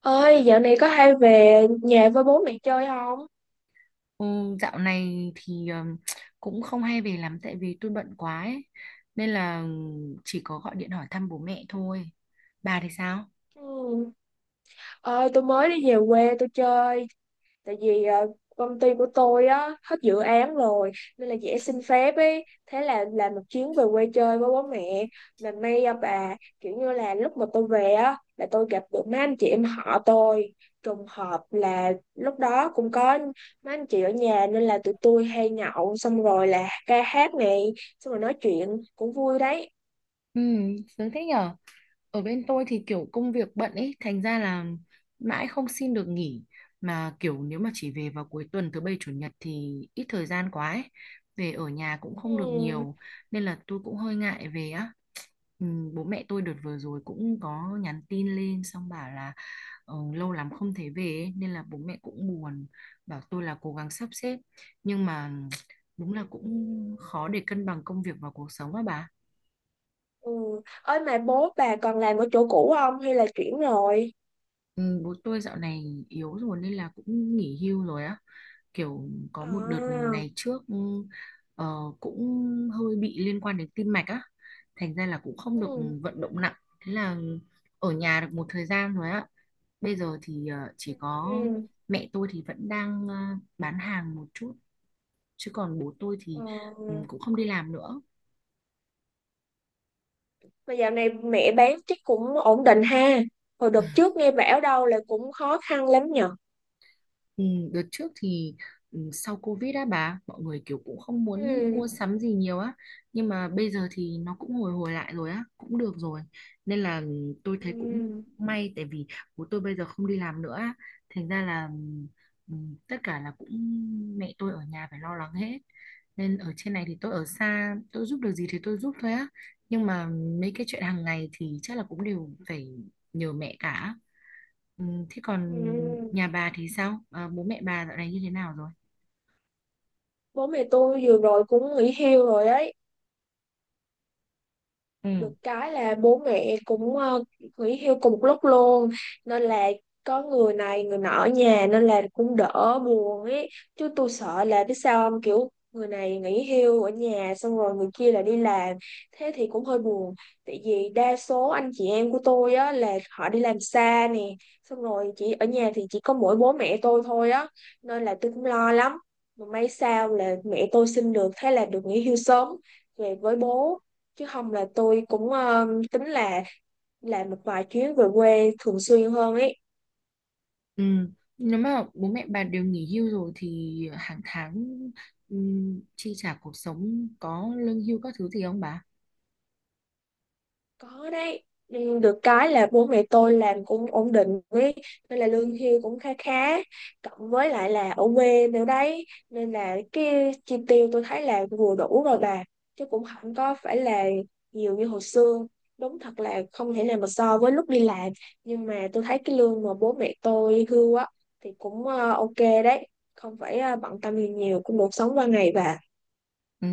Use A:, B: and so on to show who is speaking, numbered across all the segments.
A: Ơi, dạo này có hay về nhà với bố mẹ chơi không?
B: Ừ, dạo này thì cũng không hay về lắm tại vì tôi bận quá ấy. Nên là chỉ có gọi điện hỏi thăm bố mẹ thôi. Bà thì sao?
A: Ừ. Ơi, tôi mới đi về quê tôi chơi, tại vì công ty của tôi á hết dự án rồi, nên là dễ xin phép ấy, thế là làm một chuyến về quê chơi với bố mẹ. Mà may à bà, kiểu như là lúc mà tôi về á là tôi gặp được mấy anh chị em họ tôi. Trùng hợp là lúc đó cũng có mấy anh chị ở nhà, nên là tụi tôi hay nhậu, xong rồi là ca hát này, xong rồi nói chuyện cũng vui đấy.
B: Ừ, sướng thế nhở. Ở bên tôi thì kiểu công việc bận ấy, thành ra là mãi không xin được nghỉ. Mà kiểu nếu mà chỉ về vào cuối tuần thứ bảy chủ nhật thì ít thời gian quá ấy. Về ở nhà cũng không được
A: Ừ.
B: nhiều. Nên là tôi cũng hơi ngại về á. Ừ, bố mẹ tôi đợt vừa rồi cũng có nhắn tin lên xong bảo là lâu lắm không thấy về ấy, nên là bố mẹ cũng buồn, bảo tôi là cố gắng sắp xếp, nhưng mà đúng là cũng khó để cân bằng công việc và cuộc sống á bà.
A: Ừ. Ơi mà bố bà còn làm ở chỗ cũ không hay là chuyển rồi?
B: Ừ, bố tôi dạo này yếu rồi nên là cũng nghỉ hưu rồi á. Kiểu có một đợt
A: À.
B: ngày trước ờ, cũng hơi bị liên quan đến tim mạch á. Thành ra là cũng không được
A: Ừ.
B: vận động nặng. Thế là ở nhà được một thời gian rồi á. Bây giờ thì chỉ có
A: Ừ.
B: mẹ tôi thì vẫn đang bán hàng một chút. Chứ còn bố tôi thì
A: Ờ.
B: ừ, cũng không đi làm nữa.
A: Mà dạo này mẹ bán chắc cũng ổn định ha. Hồi đợt trước nghe bảo đâu là cũng khó khăn lắm nhở.
B: Ừ, đợt trước thì ừ, sau Covid á bà, mọi người kiểu cũng không muốn
A: Ừ.
B: mua sắm gì nhiều á, nhưng mà bây giờ thì nó cũng hồi hồi lại rồi á, cũng được rồi, nên là ừ, tôi thấy cũng
A: Ừ.
B: may tại vì bố tôi bây giờ không đi làm nữa á, thành ra là ừ, tất cả là cũng mẹ tôi ở nhà phải lo lắng hết, nên ở trên này thì tôi ở xa, tôi giúp được gì thì tôi giúp thôi á, nhưng mà mấy cái chuyện hàng ngày thì chắc là cũng đều phải nhờ mẹ cả. Ừ, thế còn
A: Ừ.
B: nhà bà thì sao? Ờ, bố mẹ bà dạo này như thế nào rồi?
A: Bố mẹ tôi vừa rồi cũng nghỉ hưu rồi ấy.
B: Ừ.
A: Được cái là bố mẹ cũng nghỉ hưu cùng một lúc luôn, nên là có người này người nọ ở nhà nên là cũng đỡ buồn ấy. Chứ tôi sợ là biết sao không, kiểu người này nghỉ hưu ở nhà xong rồi người kia là đi làm, thế thì cũng hơi buồn. Tại vì đa số anh chị em của tôi á là họ đi làm xa nè, xong rồi chỉ ở nhà thì chỉ có mỗi bố mẹ tôi thôi á, nên là tôi cũng lo lắm. Mà may sao là mẹ tôi xin được, thế là được nghỉ hưu sớm về với bố, chứ không là tôi cũng tính là làm một vài chuyến về quê thường xuyên hơn ấy.
B: Ừ, nếu mà bố mẹ bà đều nghỉ hưu rồi thì hàng tháng ừ, chi trả cuộc sống có lương hưu các thứ gì không bà?
A: Có đấy. Ừ, được cái là bố mẹ tôi làm cũng ổn định với, nên là lương hưu cũng khá khá, cộng với lại là ở quê nữa đấy, nên là cái chi tiêu tôi thấy là vừa đủ rồi bà. Chứ cũng không có phải là nhiều như hồi xưa. Đúng thật là không thể nào mà so với lúc đi làm, nhưng mà tôi thấy cái lương mà bố mẹ tôi hưu á thì cũng ok đấy, không phải bận tâm gì nhiều, cũng được sống qua ngày bà.
B: Ừ,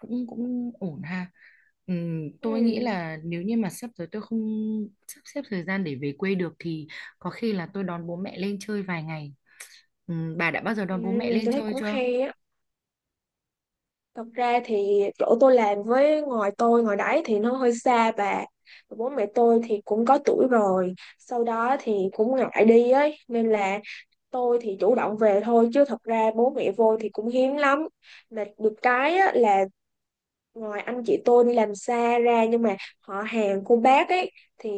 B: cũng cũng ổn ha. Ừ, tôi nghĩ
A: Ừ.
B: là nếu như mà sắp tới tôi không sắp xếp thời gian để về quê được thì có khi là tôi đón bố mẹ lên chơi vài ngày. Ừ, bà đã bao giờ
A: Ừ,
B: đón bố mẹ lên
A: tôi thấy
B: chơi
A: cũng
B: chưa?
A: hay á. Thật ra thì chỗ tôi làm với ngoài tôi ngoài đấy thì nó hơi xa bà. Bố mẹ tôi thì cũng có tuổi rồi, sau đó thì cũng ngại đi ấy, nên là tôi thì chủ động về thôi, chứ thật ra bố mẹ vô thì cũng hiếm lắm. Mà được cái á, là ngoài anh chị tôi đi làm xa ra, nhưng mà họ hàng cô bác ấy, thì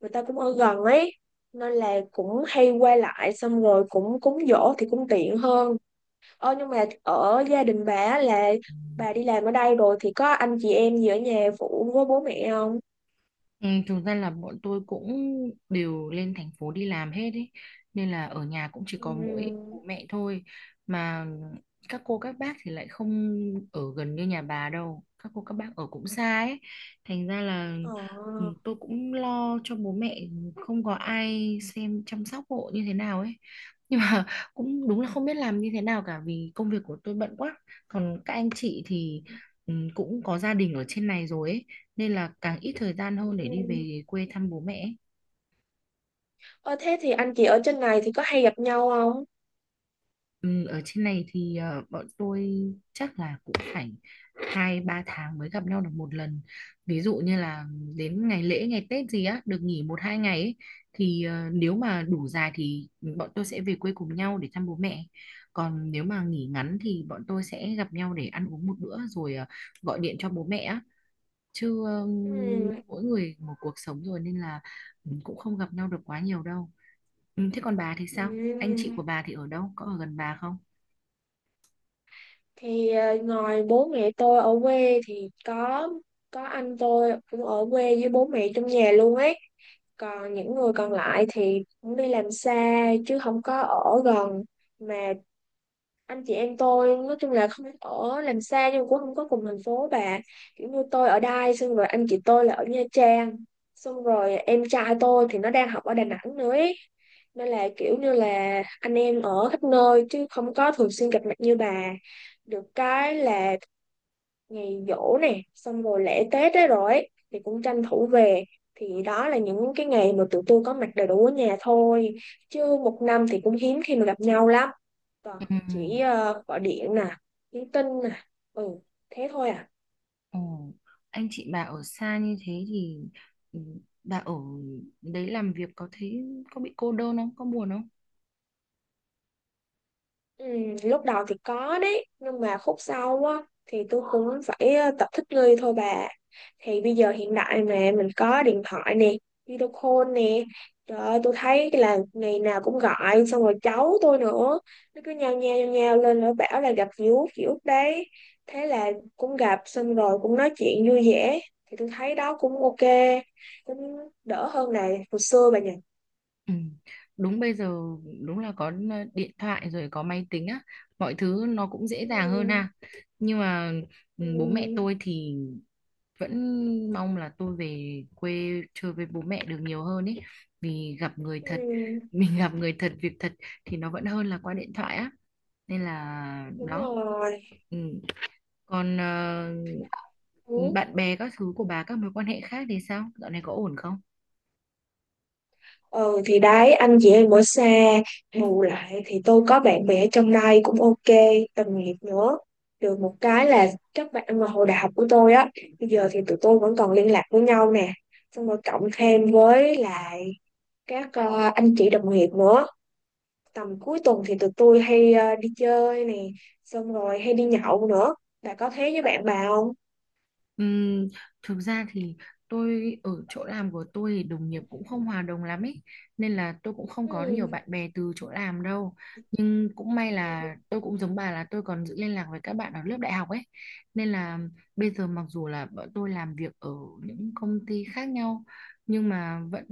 A: người ta cũng ở gần ấy, nên là cũng hay qua lại, xong rồi cũng cúng giỗ thì cũng tiện hơn. Ờ, nhưng mà ở gia đình bà á là bà đi làm ở đây rồi thì có anh chị em gì ở nhà phụ với bố mẹ không?
B: Ừ, thực ra là bọn tôi cũng đều lên thành phố đi làm hết ấy, nên là ở nhà cũng chỉ có mỗi
A: Ừm.
B: bố mẹ thôi, mà các cô các bác thì lại không ở gần như nhà bà đâu, các cô các bác ở cũng xa ấy, thành ra là
A: Ờ.
B: ừ, tôi cũng lo cho bố mẹ không có ai xem chăm sóc hộ như thế nào ấy nhưng mà cũng đúng là không biết làm như thế nào cả vì công việc của tôi bận quá, còn các anh chị thì ừ, cũng có gia đình ở trên này rồi ấy, nên là càng ít thời gian hơn để đi
A: Ừm.
B: về quê thăm bố mẹ ấy.
A: Ờ, thế thì anh chị ở trên này thì có hay gặp nhau không?
B: Ừ, ở trên này thì bọn tôi chắc là cũng phải hai ba tháng mới gặp nhau được một lần. Ví dụ như là đến ngày lễ, ngày Tết gì á, được nghỉ một hai ngày ấy, thì nếu mà đủ dài thì bọn tôi sẽ về quê cùng nhau để thăm bố mẹ. Còn nếu mà nghỉ ngắn thì bọn tôi sẽ gặp nhau để ăn uống một bữa rồi gọi điện cho bố mẹ á. Chứ
A: Ừm.
B: Mỗi người một cuộc sống rồi nên là ừ, cũng không gặp nhau được quá nhiều đâu. Ừ, thế còn bà thì sao, anh chị của
A: Ừm.
B: bà thì ở đâu, có ở gần bà không?
A: Thì ngoài bố mẹ tôi ở quê thì có anh tôi cũng ở quê với bố mẹ trong nhà luôn ấy. Còn những người còn lại thì cũng đi làm xa, chứ không có ở gần. Mà anh chị em tôi nói chung là không ở làm xa nhưng cũng không có cùng thành phố bà, kiểu như tôi ở Đài, xong rồi anh chị tôi là ở Nha Trang, xong rồi em trai tôi thì nó đang học ở Đà Nẵng nữa ấy. Nên là kiểu như là anh em ở khắp nơi, chứ không có thường xuyên gặp mặt như bà. Được cái là ngày giỗ nè, xong rồi lễ Tết đấy rồi ấy, thì cũng tranh thủ về. Thì đó là những cái ngày mà tụi tôi có mặt đầy đủ ở nhà thôi, chứ một năm thì cũng hiếm khi mà gặp nhau lắm. Còn
B: Ừ.
A: chỉ gọi điện nè, nhắn tin nè. Ừ, thế thôi à.
B: Ừ. Anh chị bà ở xa như thế thì ừ, bà ở đấy làm việc có thấy có bị cô đơn không? Có buồn không?
A: Ừ, lúc đầu thì có đấy, nhưng mà khúc sau á thì tôi cũng phải tập thích nghi thôi bà. Thì bây giờ hiện đại mà, mình có điện thoại nè, video call nè, trời ơi tôi thấy là ngày nào cũng gọi, xong rồi cháu tôi nữa, nó cứ nhao nhao nhao nhao lên, nó bảo là gặp dì út đấy, thế là cũng gặp, xong rồi cũng nói chuyện vui vẻ. Thì tôi thấy đó cũng ok, cũng đỡ hơn là hồi xưa bà nhỉ.
B: Ừ. Đúng bây giờ đúng là có điện thoại rồi, có máy tính á, mọi thứ nó cũng dễ dàng hơn
A: Ừ.
B: ha. Nhưng mà ừ, bố mẹ
A: Ừ.
B: tôi thì vẫn mong là tôi về quê chơi với bố mẹ được nhiều hơn ấy, vì gặp người thật
A: Ừ,
B: mình gặp người thật việc thật thì nó vẫn hơn là qua điện thoại á, nên là
A: đúng
B: đó
A: rồi.
B: ừ. Còn
A: Ừ.
B: bạn bè các thứ của bà, các mối quan hệ khác thì sao, dạo này có ổn không?
A: Ừ thì đấy, anh chị em ở xa, bù lại thì tôi có bạn bè ở trong đây cũng ok, đồng nghiệp nữa. Được một cái là các bạn mà hồi đại học của tôi á, bây giờ thì tụi tôi vẫn còn liên lạc với nhau nè, xong rồi cộng thêm với lại các anh chị đồng nghiệp nữa. Tầm cuối tuần thì tụi tôi hay đi chơi nè, xong rồi hay đi nhậu nữa. Bà có thế với bạn bà không?
B: Ừm, Thực ra thì tôi ở chỗ làm của tôi thì đồng nghiệp cũng không hòa đồng lắm ấy, nên là tôi cũng không có nhiều bạn bè từ chỗ làm đâu, nhưng cũng may là tôi cũng giống bà là tôi còn giữ liên lạc với các bạn ở lớp đại học ấy, nên là bây giờ mặc dù là bọn tôi làm việc ở những công ty khác nhau, nhưng mà vẫn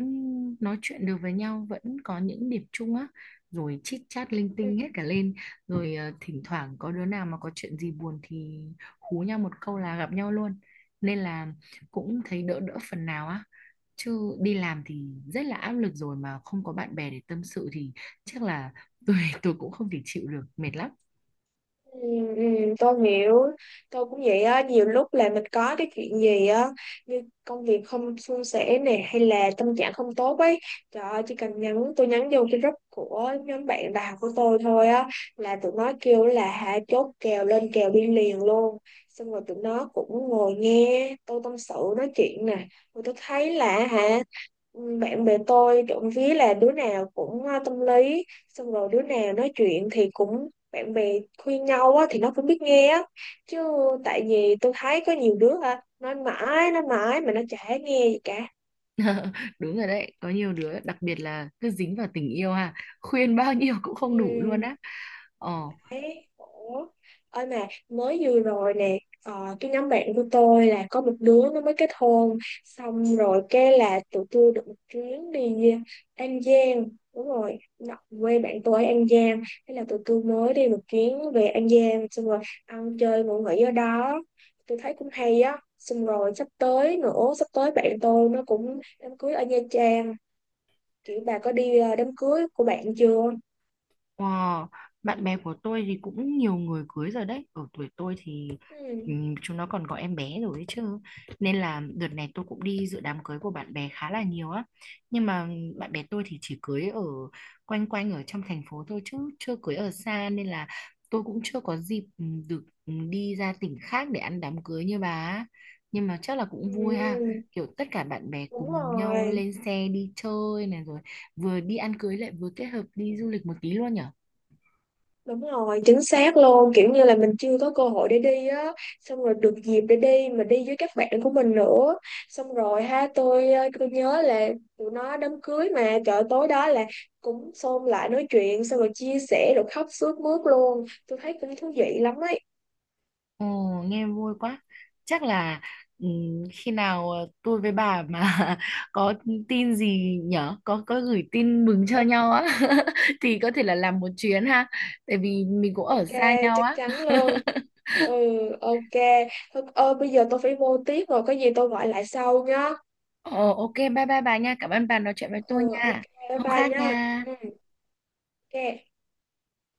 B: nói chuyện được với nhau, vẫn có những điểm chung á, rồi chit chat linh
A: Ừ.
B: tinh hết cả lên, rồi thỉnh thoảng có đứa nào mà có chuyện gì buồn thì hú nhau một câu là gặp nhau luôn, nên là cũng thấy đỡ đỡ phần nào á, chứ đi làm thì rất là áp lực rồi mà không có bạn bè để tâm sự thì chắc là tôi tôi cũng không thể chịu được, mệt lắm.
A: Ừ, ừ, tôi hiểu. Tôi cũng vậy á, nhiều lúc là mình có cái chuyện gì á, như công việc không suôn sẻ nè, hay là tâm trạng không tốt ấy, trời ơi chỉ cần nhắn, tôi nhắn vô cái group của nhóm bạn đại học của tôi thôi á, là tụi nó kêu là hả, chốt kèo, lên kèo đi liền luôn. Xong rồi tụi nó cũng ngồi nghe tôi tâm sự nói chuyện nè, rồi tôi thấy là hả, bạn bè tôi trộm vía là đứa nào cũng tâm lý, xong rồi đứa nào nói chuyện thì cũng bạn bè khuyên nhau á, thì nó cũng biết nghe á. Chứ tại vì tôi thấy có nhiều đứa hả, nói mãi mà nó chả nghe gì cả.
B: Đúng rồi đấy, có nhiều đứa đặc biệt là cứ dính vào tình yêu ha, khuyên bao nhiêu cũng không đủ luôn
A: Ừ.
B: á. Ờ.
A: Đấy, ủa. Ôi mà mới vừa rồi nè, cái nhóm bạn của tôi là có một đứa nó mới kết hôn, xong rồi cái là tụi tôi được một chuyến đi An Giang. Đúng rồi, quê bạn tôi ở An Giang, thế là tụi tôi mới đi một chuyến về An Giang, xong rồi ăn chơi ngủ nghỉ ở đó. Tôi thấy cũng hay á. Xong rồi sắp tới nữa, sắp tới bạn tôi nó cũng đám cưới ở Nha Trang. Kiểu bà có đi đám cưới của bạn chưa?
B: Wow, bạn bè của tôi thì cũng nhiều người cưới rồi đấy. Ở tuổi tôi thì
A: Ừ.
B: chúng nó còn có em bé rồi ấy chứ. Nên là đợt này tôi cũng đi dự đám cưới của bạn bè khá là nhiều á. Nhưng mà bạn bè tôi thì chỉ cưới ở quanh quanh ở trong thành phố thôi chứ chưa cưới ở xa, nên là tôi cũng chưa có dịp được đi ra tỉnh khác để ăn đám cưới như bà á. Nhưng mà chắc là cũng vui ha.
A: Ừ.
B: Kiểu tất cả bạn bè
A: Đúng
B: cùng nhau
A: rồi.
B: lên xe đi chơi này, rồi vừa đi ăn cưới lại vừa kết hợp đi du lịch một tí luôn nhỉ?
A: Đúng rồi, chính xác luôn, kiểu như là mình chưa có cơ hội để đi á, xong rồi được dịp để đi, mà đi với các bạn của mình nữa. Xong rồi ha, tôi tôi nhớ là tụi nó đám cưới mà, chợ tối đó là cũng xôn lại nói chuyện, xong rồi chia sẻ rồi khóc sướt mướt luôn. Tôi thấy cũng thú vị lắm ấy.
B: Ồ, nghe vui quá. Chắc là ừm, khi nào tôi với bà mà có tin gì nhở, có gửi tin mừng cho
A: Ừ,
B: nhau á thì có thể là làm một chuyến ha, tại vì mình cũng ở
A: ok,
B: xa nhau
A: chắc
B: á.
A: chắn luôn. Ừ, ok. Thôi, bây giờ tôi phải vô tiếp rồi, có gì tôi gọi lại sau nhá.
B: Ồ, ok, bye bye bà nha. Cảm ơn bà nói chuyện với
A: Ừ,
B: tôi
A: ok,
B: nha.
A: bye
B: Hôm
A: bye
B: khác
A: nha.
B: nha.
A: Ừ, ok.